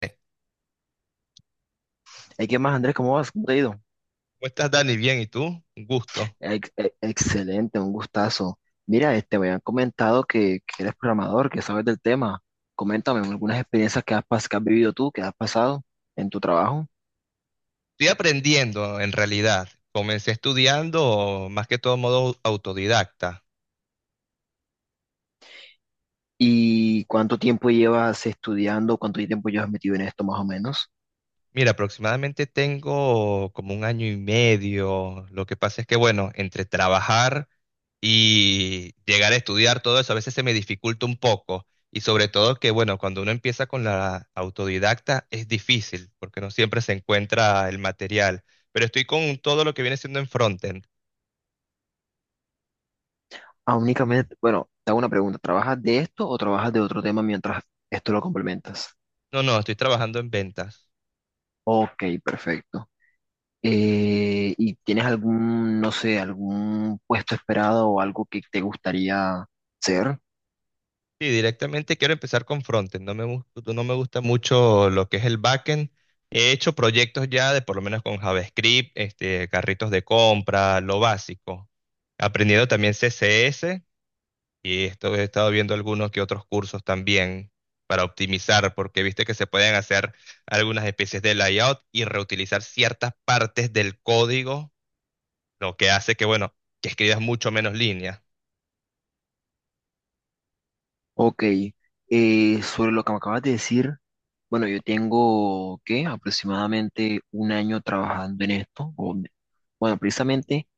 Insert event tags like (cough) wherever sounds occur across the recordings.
¿Cómo ¿Y qué más, Andrés? ¿Cómo vas? ¿Cómo te ha ido? estás, Dani? Bien, ¿y tú? Un gusto. Excelente, un gustazo. Mira, me habían comentado que eres programador, que sabes del tema. Coméntame algunas experiencias que que has vivido tú, que has pasado en tu trabajo. Estoy aprendiendo, en realidad. Comencé estudiando más que todo modo autodidacta. ¿Y cuánto tiempo llevas estudiando? ¿Cuánto tiempo llevas metido en esto, más o menos? Mira, aproximadamente tengo como un año y medio. Lo que pasa es que, bueno, entre trabajar y llegar a estudiar todo eso, a veces se me dificulta un poco. Y sobre todo que, bueno, cuando uno empieza con la autodidacta es difícil, porque no siempre se encuentra el material. Pero estoy con todo lo que viene siendo en frontend. Ah, únicamente, bueno, te hago una pregunta. ¿Trabajas de esto o trabajas de otro tema mientras esto lo complementas? No, no, estoy trabajando en ventas. Ok, perfecto. ¿Y tienes algún, no sé, algún puesto esperado o algo que te gustaría ser? Sí, directamente quiero empezar con frontend. No me gusta mucho lo que es el backend. He hecho proyectos ya de por lo menos con JavaScript, este, carritos de compra, lo básico. Aprendiendo también CSS y esto he estado viendo algunos que otros cursos también para optimizar, porque viste que se pueden hacer algunas especies de layout y reutilizar ciertas partes del código, lo que hace que, bueno, que escribas mucho menos líneas. Ok, sobre lo que me acabas de decir, bueno, yo tengo, ¿qué? Aproximadamente un año trabajando en esto. Bueno, precisamente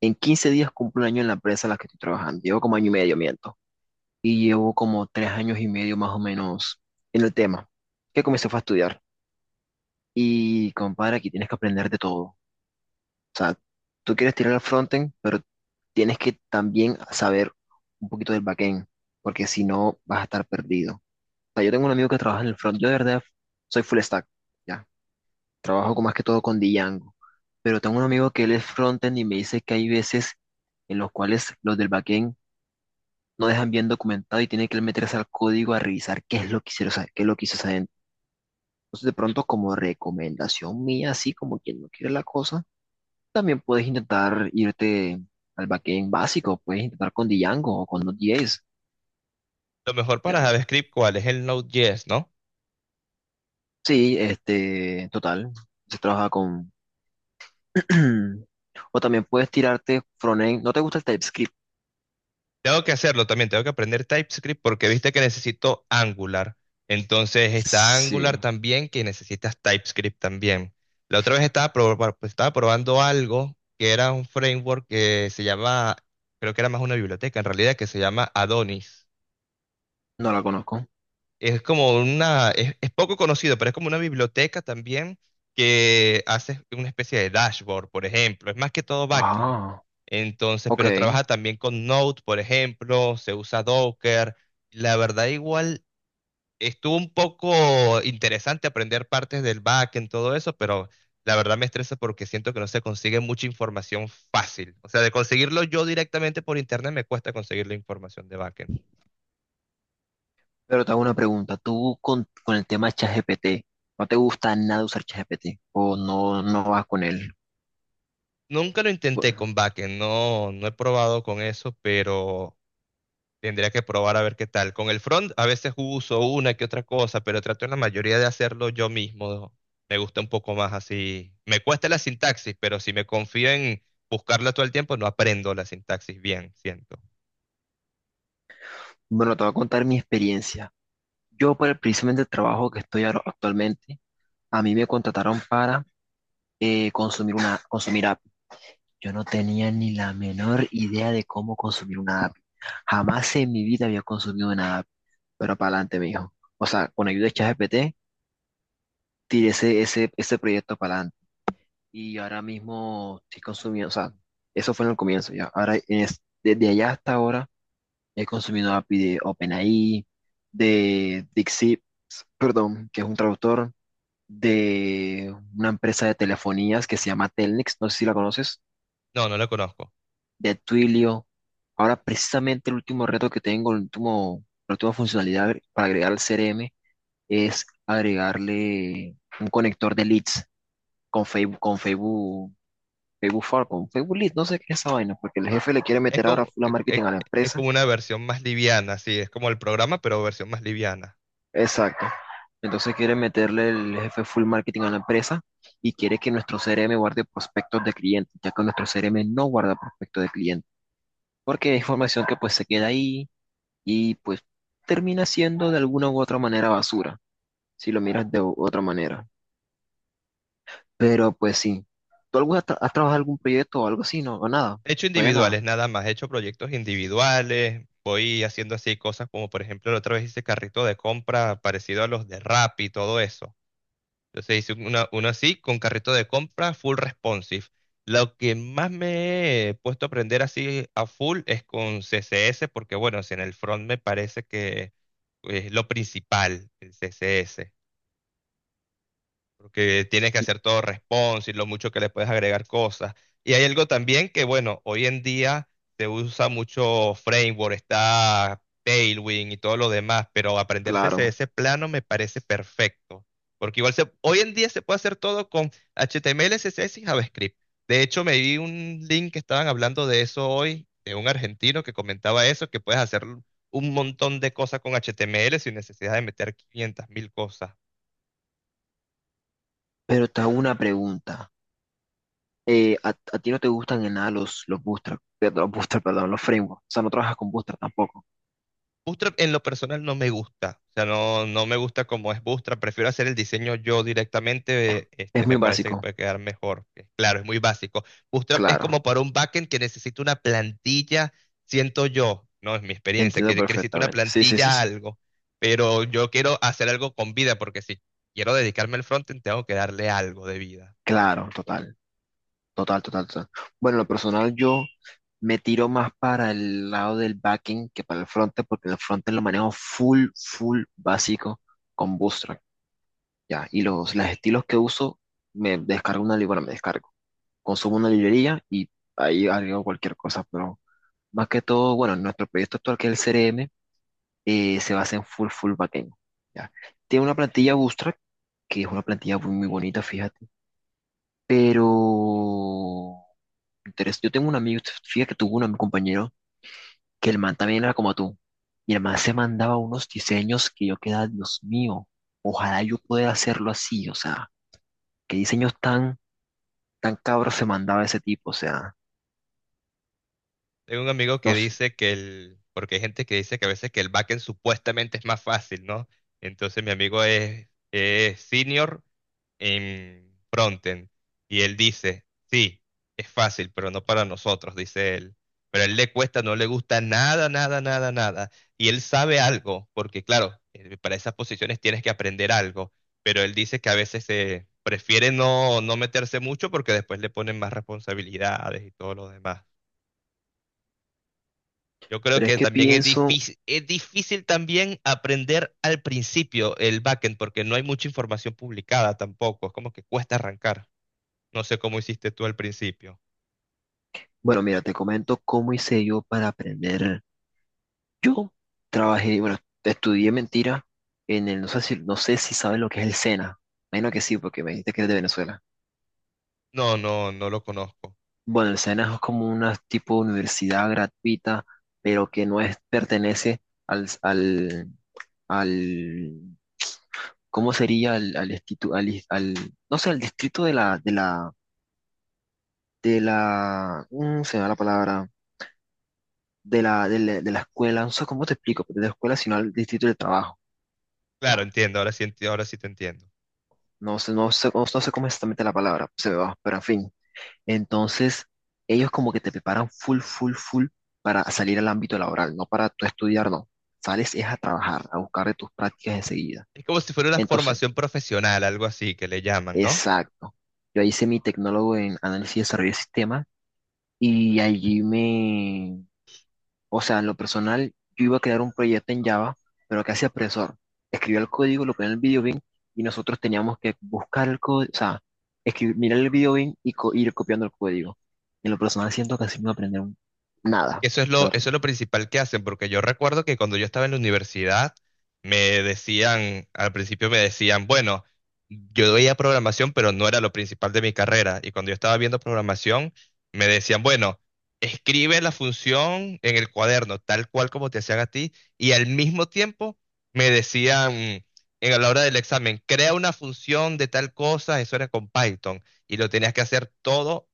en 15 días cumplo un año en la empresa en la que estoy trabajando. Llevo como año y medio, miento. Y llevo como tres años y medio más o menos en el tema, que comencé fue a estudiar. Y compadre, aquí tienes que aprender de todo. O sea, tú quieres tirar al frontend, pero tienes que también saber un poquito del backend, porque si no vas a estar perdido. O sea, yo tengo un amigo que trabaja en el front, yo de verdad soy full stack, ya. Trabajo más que todo con Django, pero tengo un amigo que él es frontend y me dice que hay veces en los cuales los del backend no dejan bien documentado y tiene que él meterse al código a revisar qué es lo que hicieron, o sea, qué es lo que hizo esa gente. Entonces, de pronto, como recomendación mía, así como quien no quiere la cosa, también puedes intentar irte al backend básico, puedes intentar con Django o con Node.js. Lo mejor para Ya. JavaScript, ¿cuál es el Node.js, no? Sí, este, total, se trabaja con... (clears throat) o también puedes tirarte frontend, ¿no te gusta el TypeScript? Tengo que hacerlo también, tengo que aprender TypeScript porque viste que necesito Angular. Entonces está Angular Sí, también que necesitas TypeScript también. La otra vez estaba probando algo que era un framework que se llama, creo que era más una biblioteca en realidad, que se llama Adonis. no la conozco. Es poco conocido, pero es como una biblioteca también que hace una especie de dashboard, por ejemplo. Es más que todo backend. Ah, Entonces, ok. pero trabaja también con Node, por ejemplo, se usa Docker. La verdad, igual estuvo un poco interesante aprender partes del backend, todo eso, pero la verdad me estresa porque siento que no se consigue mucha información fácil. O sea, de conseguirlo yo directamente por internet me cuesta conseguir la información de backend. Pero te hago una pregunta. Tú con el tema ChatGPT, ¿no te gusta nada usar ChatGPT? ¿O no vas con él? Nunca lo intenté Bueno, con backend, no, no he probado con eso, pero tendría que probar a ver qué tal. Con el front a veces uso una que otra cosa, pero trato en la mayoría de hacerlo yo mismo. Me gusta un poco más así. Me cuesta la sintaxis, pero si me confío en buscarla todo el tiempo, no aprendo la sintaxis bien, siento. Bueno, te voy a contar mi experiencia. Yo, por el precisamente el trabajo que estoy ahora actualmente, a mí me contrataron para consumir consumir API. Yo no tenía ni la menor idea de cómo consumir una API. Jamás en mi vida había consumido una API, pero para adelante, me dijo. O sea, con ayuda de ChatGPT, tiré ese proyecto para adelante. Y ahora mismo estoy consumiendo, o sea, eso fue en el comienzo ya. Ahora, desde allá hasta ahora, he consumido API de OpenAI, de DeepSeek, perdón, que es un traductor de una empresa de telefonías que se llama Telnex, no sé si la conoces, No, no la conozco. de Twilio. Ahora precisamente el último reto que tengo, el último, la última funcionalidad para agregar al CRM es agregarle un conector de leads con Facebook, Facebook For, con Facebook leads no sé qué es esa vaina, porque el jefe le quiere Es meter ahora como, full a es, es- marketing a la es empresa. como una versión más liviana, sí, es como el programa, pero versión más liviana. Exacto. Entonces quiere meterle el jefe full marketing a la empresa y quiere que nuestro CRM guarde prospectos de clientes, ya que nuestro CRM no guarda prospectos de clientes, porque es información que pues se queda ahí y pues termina siendo de alguna u otra manera basura, si lo miras de otra manera. Pero pues sí, ¿tú has trabajado algún proyecto o algo así? No, o nada, He hecho todavía individuales nada. nada más, he hecho proyectos individuales, voy haciendo así cosas como por ejemplo la otra vez hice carrito de compra parecido a los de Rappi y todo eso. Entonces hice una, uno así con carrito de compra full responsive. Lo que más me he puesto a aprender así a full es con CSS porque bueno, si en el front me parece que es lo principal, el CSS porque tienes que Y hacer todo responsive, lo mucho que le puedes agregar cosas. Y hay algo también que, bueno, hoy en día se usa mucho framework, está Tailwind y todo lo demás, pero aprenderse ese, claro, ese plano me parece perfecto, porque igual se, hoy en día se puede hacer todo con HTML, CSS y JavaScript. De hecho, me vi un link que estaban hablando de eso hoy, de un argentino que comentaba eso, que puedes hacer un montón de cosas con HTML sin necesidad de meter 500 mil cosas. pero te hago una pregunta. A ti no te gustan en nada los, los bootstrap, perdón, los frameworks? O sea, no trabajas con bootstrap tampoco. Bootstrap en lo personal no me gusta, o sea, no, no me gusta como es Bootstrap, prefiero hacer el diseño yo directamente, este, Es me muy parece que básico, puede quedar mejor. Claro, es muy básico. Bootstrap es claro, como para un backend que necesita una plantilla, siento yo, no es mi experiencia, entiendo que necesita una perfectamente. Sí, sí, sí, plantilla sí. algo, pero yo quiero hacer algo con vida, porque si quiero dedicarme al frontend, tengo que darle algo de vida. Claro, total, total. Bueno, en lo personal yo me tiro más para el lado del backend que para el frontend, porque el frontend lo manejo full básico con Bootstrap, ya. Y los estilos que uso, me descargo una librería, me descargo, consumo una librería y ahí agrego cualquier cosa, pero más que todo, bueno, nuestro proyecto actual que es el CRM, se basa en full backend. ¿Ya? Tiene una plantilla Bootstrap, que es una plantilla muy bonita, fíjate. Pero yo tengo un amigo, fíjate que tuvo un compañero que el man también era como tú. Y el man se mandaba unos diseños que yo quedaba, Dios mío, ojalá yo pudiera hacerlo así. O sea, qué diseños tan cabros se mandaba ese tipo. O sea, Tengo un amigo que no sé. dice que el, porque hay gente que dice que a veces que el backend supuestamente es más fácil, ¿no? Entonces mi amigo es senior en frontend y él dice, sí, es fácil, pero no para nosotros, dice él. Pero a él le cuesta, no le gusta nada, nada, nada, nada. Y él sabe algo, porque claro, para esas posiciones tienes que aprender algo, pero él dice que a veces prefiere no, no meterse mucho porque después le ponen más responsabilidades y todo lo demás. Yo creo Pero es que que también pienso, es difícil también aprender al principio el backend porque no hay mucha información publicada tampoco. Es como que cuesta arrancar. No sé cómo hiciste tú al principio. bueno, mira, te comento cómo hice yo para aprender. Yo trabajé, bueno, estudié mentira en el, no sé no sé si sabes lo que es el SENA. Menos que sí, porque me dijiste que es de Venezuela. No, no, no lo conozco. Bueno, el SENA es como una tipo de universidad gratuita, pero que no es, pertenece al, al, al, ¿cómo sería? Al, al, institu- al, is- al- No sé, al distrito mm, se me va la palabra, de la escuela, no sé cómo te explico, pero de la escuela, sino al distrito del trabajo. Claro, Ya. entiendo, ahora sí te entiendo. No sé, no sé cómo es exactamente la palabra, se me va, pero en fin. Entonces, ellos como que te preparan full para salir al ámbito laboral, no para tú estudiar, no. Sales es a trabajar, a buscar de tus prácticas enseguida. Es como si fuera una Entonces, formación profesional, algo así que le llaman, ¿no? exacto. Yo hice mi tecnólogo en análisis y desarrollo de sistemas y allí me, o sea, en lo personal, yo iba a crear un proyecto en Java, pero casi apresor. Escribió el código, lo ponía en el video bin y nosotros teníamos que buscar el código, o sea, escribir, mirar el video bin y ir copiando el código. En lo personal, siento que así no iba a aprender nada, la verdad. Eso es lo principal que hacen, porque yo recuerdo que cuando yo estaba en la universidad, me decían, al principio me decían, bueno, yo veía programación, pero no era lo principal de mi carrera. Y cuando yo estaba viendo programación, me decían, bueno, escribe la función en el cuaderno, tal cual como te hacían a ti. Y al mismo tiempo me decían, en a la hora del examen, crea una función de tal cosa, eso era con Python. Y lo tenías que hacer todo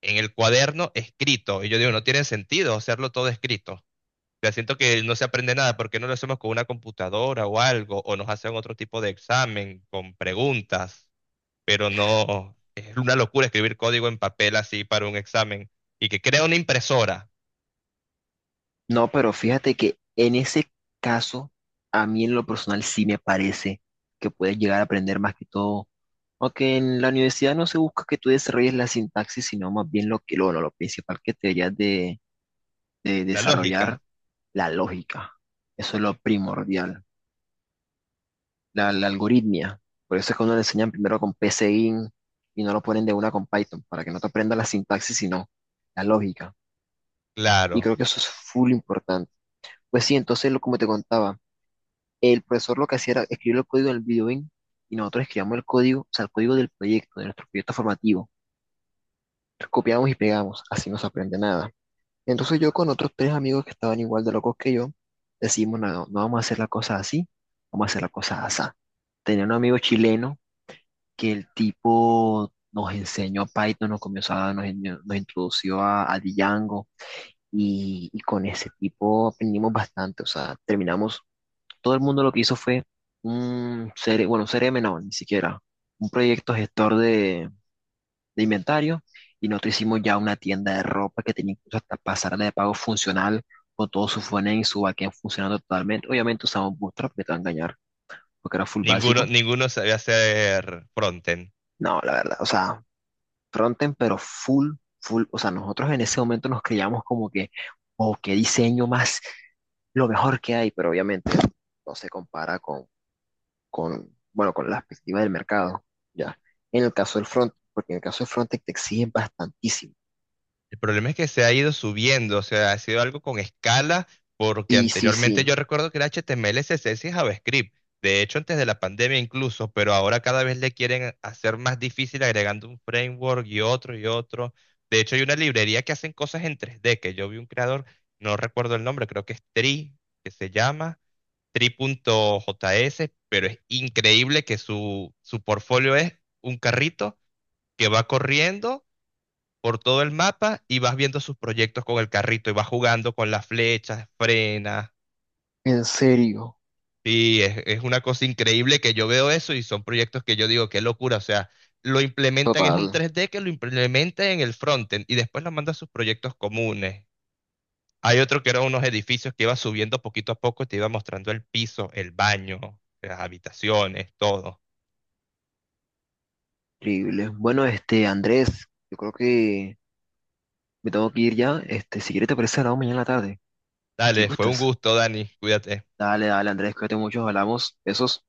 en el cuaderno escrito. Y yo digo, no tiene sentido hacerlo todo escrito. Ya siento que no se aprende nada, ¿por qué no lo hacemos con una computadora o algo? O nos hacen otro tipo de examen con preguntas, pero no, es una locura escribir código en papel así para un examen. Y que crea una impresora, No, pero fíjate que en ese caso, a mí en lo personal sí me parece que puedes llegar a aprender más que todo. Aunque en la universidad no se busca que tú desarrolles la sintaxis, sino más bien lo que lo principal que te deberías de la lógica, desarrollar la lógica. Eso es lo primordial, la algoritmia. Por eso es que uno le enseñan primero con PSeInt y no lo ponen de una con Python, para que no te aprenda la sintaxis, sino la lógica. Y claro. creo que eso es full importante. Pues sí, entonces, como te contaba, el profesor lo que hacía era escribir el código en el videoing y nosotros escribíamos el código, o sea, el código del proyecto, de nuestro proyecto formativo. Copiamos y pegamos, así no se aprende nada. Entonces yo con otros tres amigos que estaban igual de locos que yo, decimos, no vamos a hacer la cosa así, vamos a hacer la cosa así. Tenía un amigo chileno que el tipo nos enseñó Python, nos comenzó nos introdució a Django y con ese tipo aprendimos bastante, o sea, terminamos, todo el mundo lo que hizo fue un CRM, bueno, un CRM no, ni siquiera, un proyecto gestor de inventario y nosotros hicimos ya una tienda de ropa que tenía incluso hasta pasarela de pago funcional con todo su frontend y su backend funcionando totalmente. Obviamente usamos Bootstrap, que te va a engañar, porque era full Ninguno, básico. ninguno sabe hacer frontend. No, la verdad, o sea, frontend, pero full. O sea, nosotros en ese momento nos creíamos como que, o qué diseño más, lo mejor que hay, pero obviamente no se compara con bueno, con la perspectiva del mercado, ya. En el caso del front, porque en el caso del frontend te exigen bastantísimo. El problema es que se ha ido subiendo, o sea, ha sido algo con escala, porque Sí, anteriormente yo recuerdo que era HTML, CSS y JavaScript. De hecho, antes de la pandemia incluso, pero ahora cada vez le quieren hacer más difícil agregando un framework y otro y otro. De hecho, hay una librería que hacen cosas en 3D, que yo vi un creador, no recuerdo el nombre, creo que es Tri, que se llama Tri.js, pero es increíble que su portfolio es un carrito que va corriendo por todo el mapa y vas viendo sus proyectos con el carrito y vas jugando con las flechas, frenas. en serio. Y es una cosa increíble que yo veo eso y son proyectos que yo digo, qué locura. O sea, lo implementan, es Total, un 3D que lo implementa en el frontend y después lo manda a sus proyectos comunes. Hay otro que eran unos edificios que iba subiendo poquito a poco y te iba mostrando el piso, el baño, las habitaciones, todo. increíble. Bueno, este, Andrés, yo creo que me tengo que ir ya. Este, si quieres te parece, hablamos mañana en la tarde. Si Dale, fue un gustas. gusto, Dani. Cuídate. Dale, Andrés, cuídate mucho, hablamos. Besos.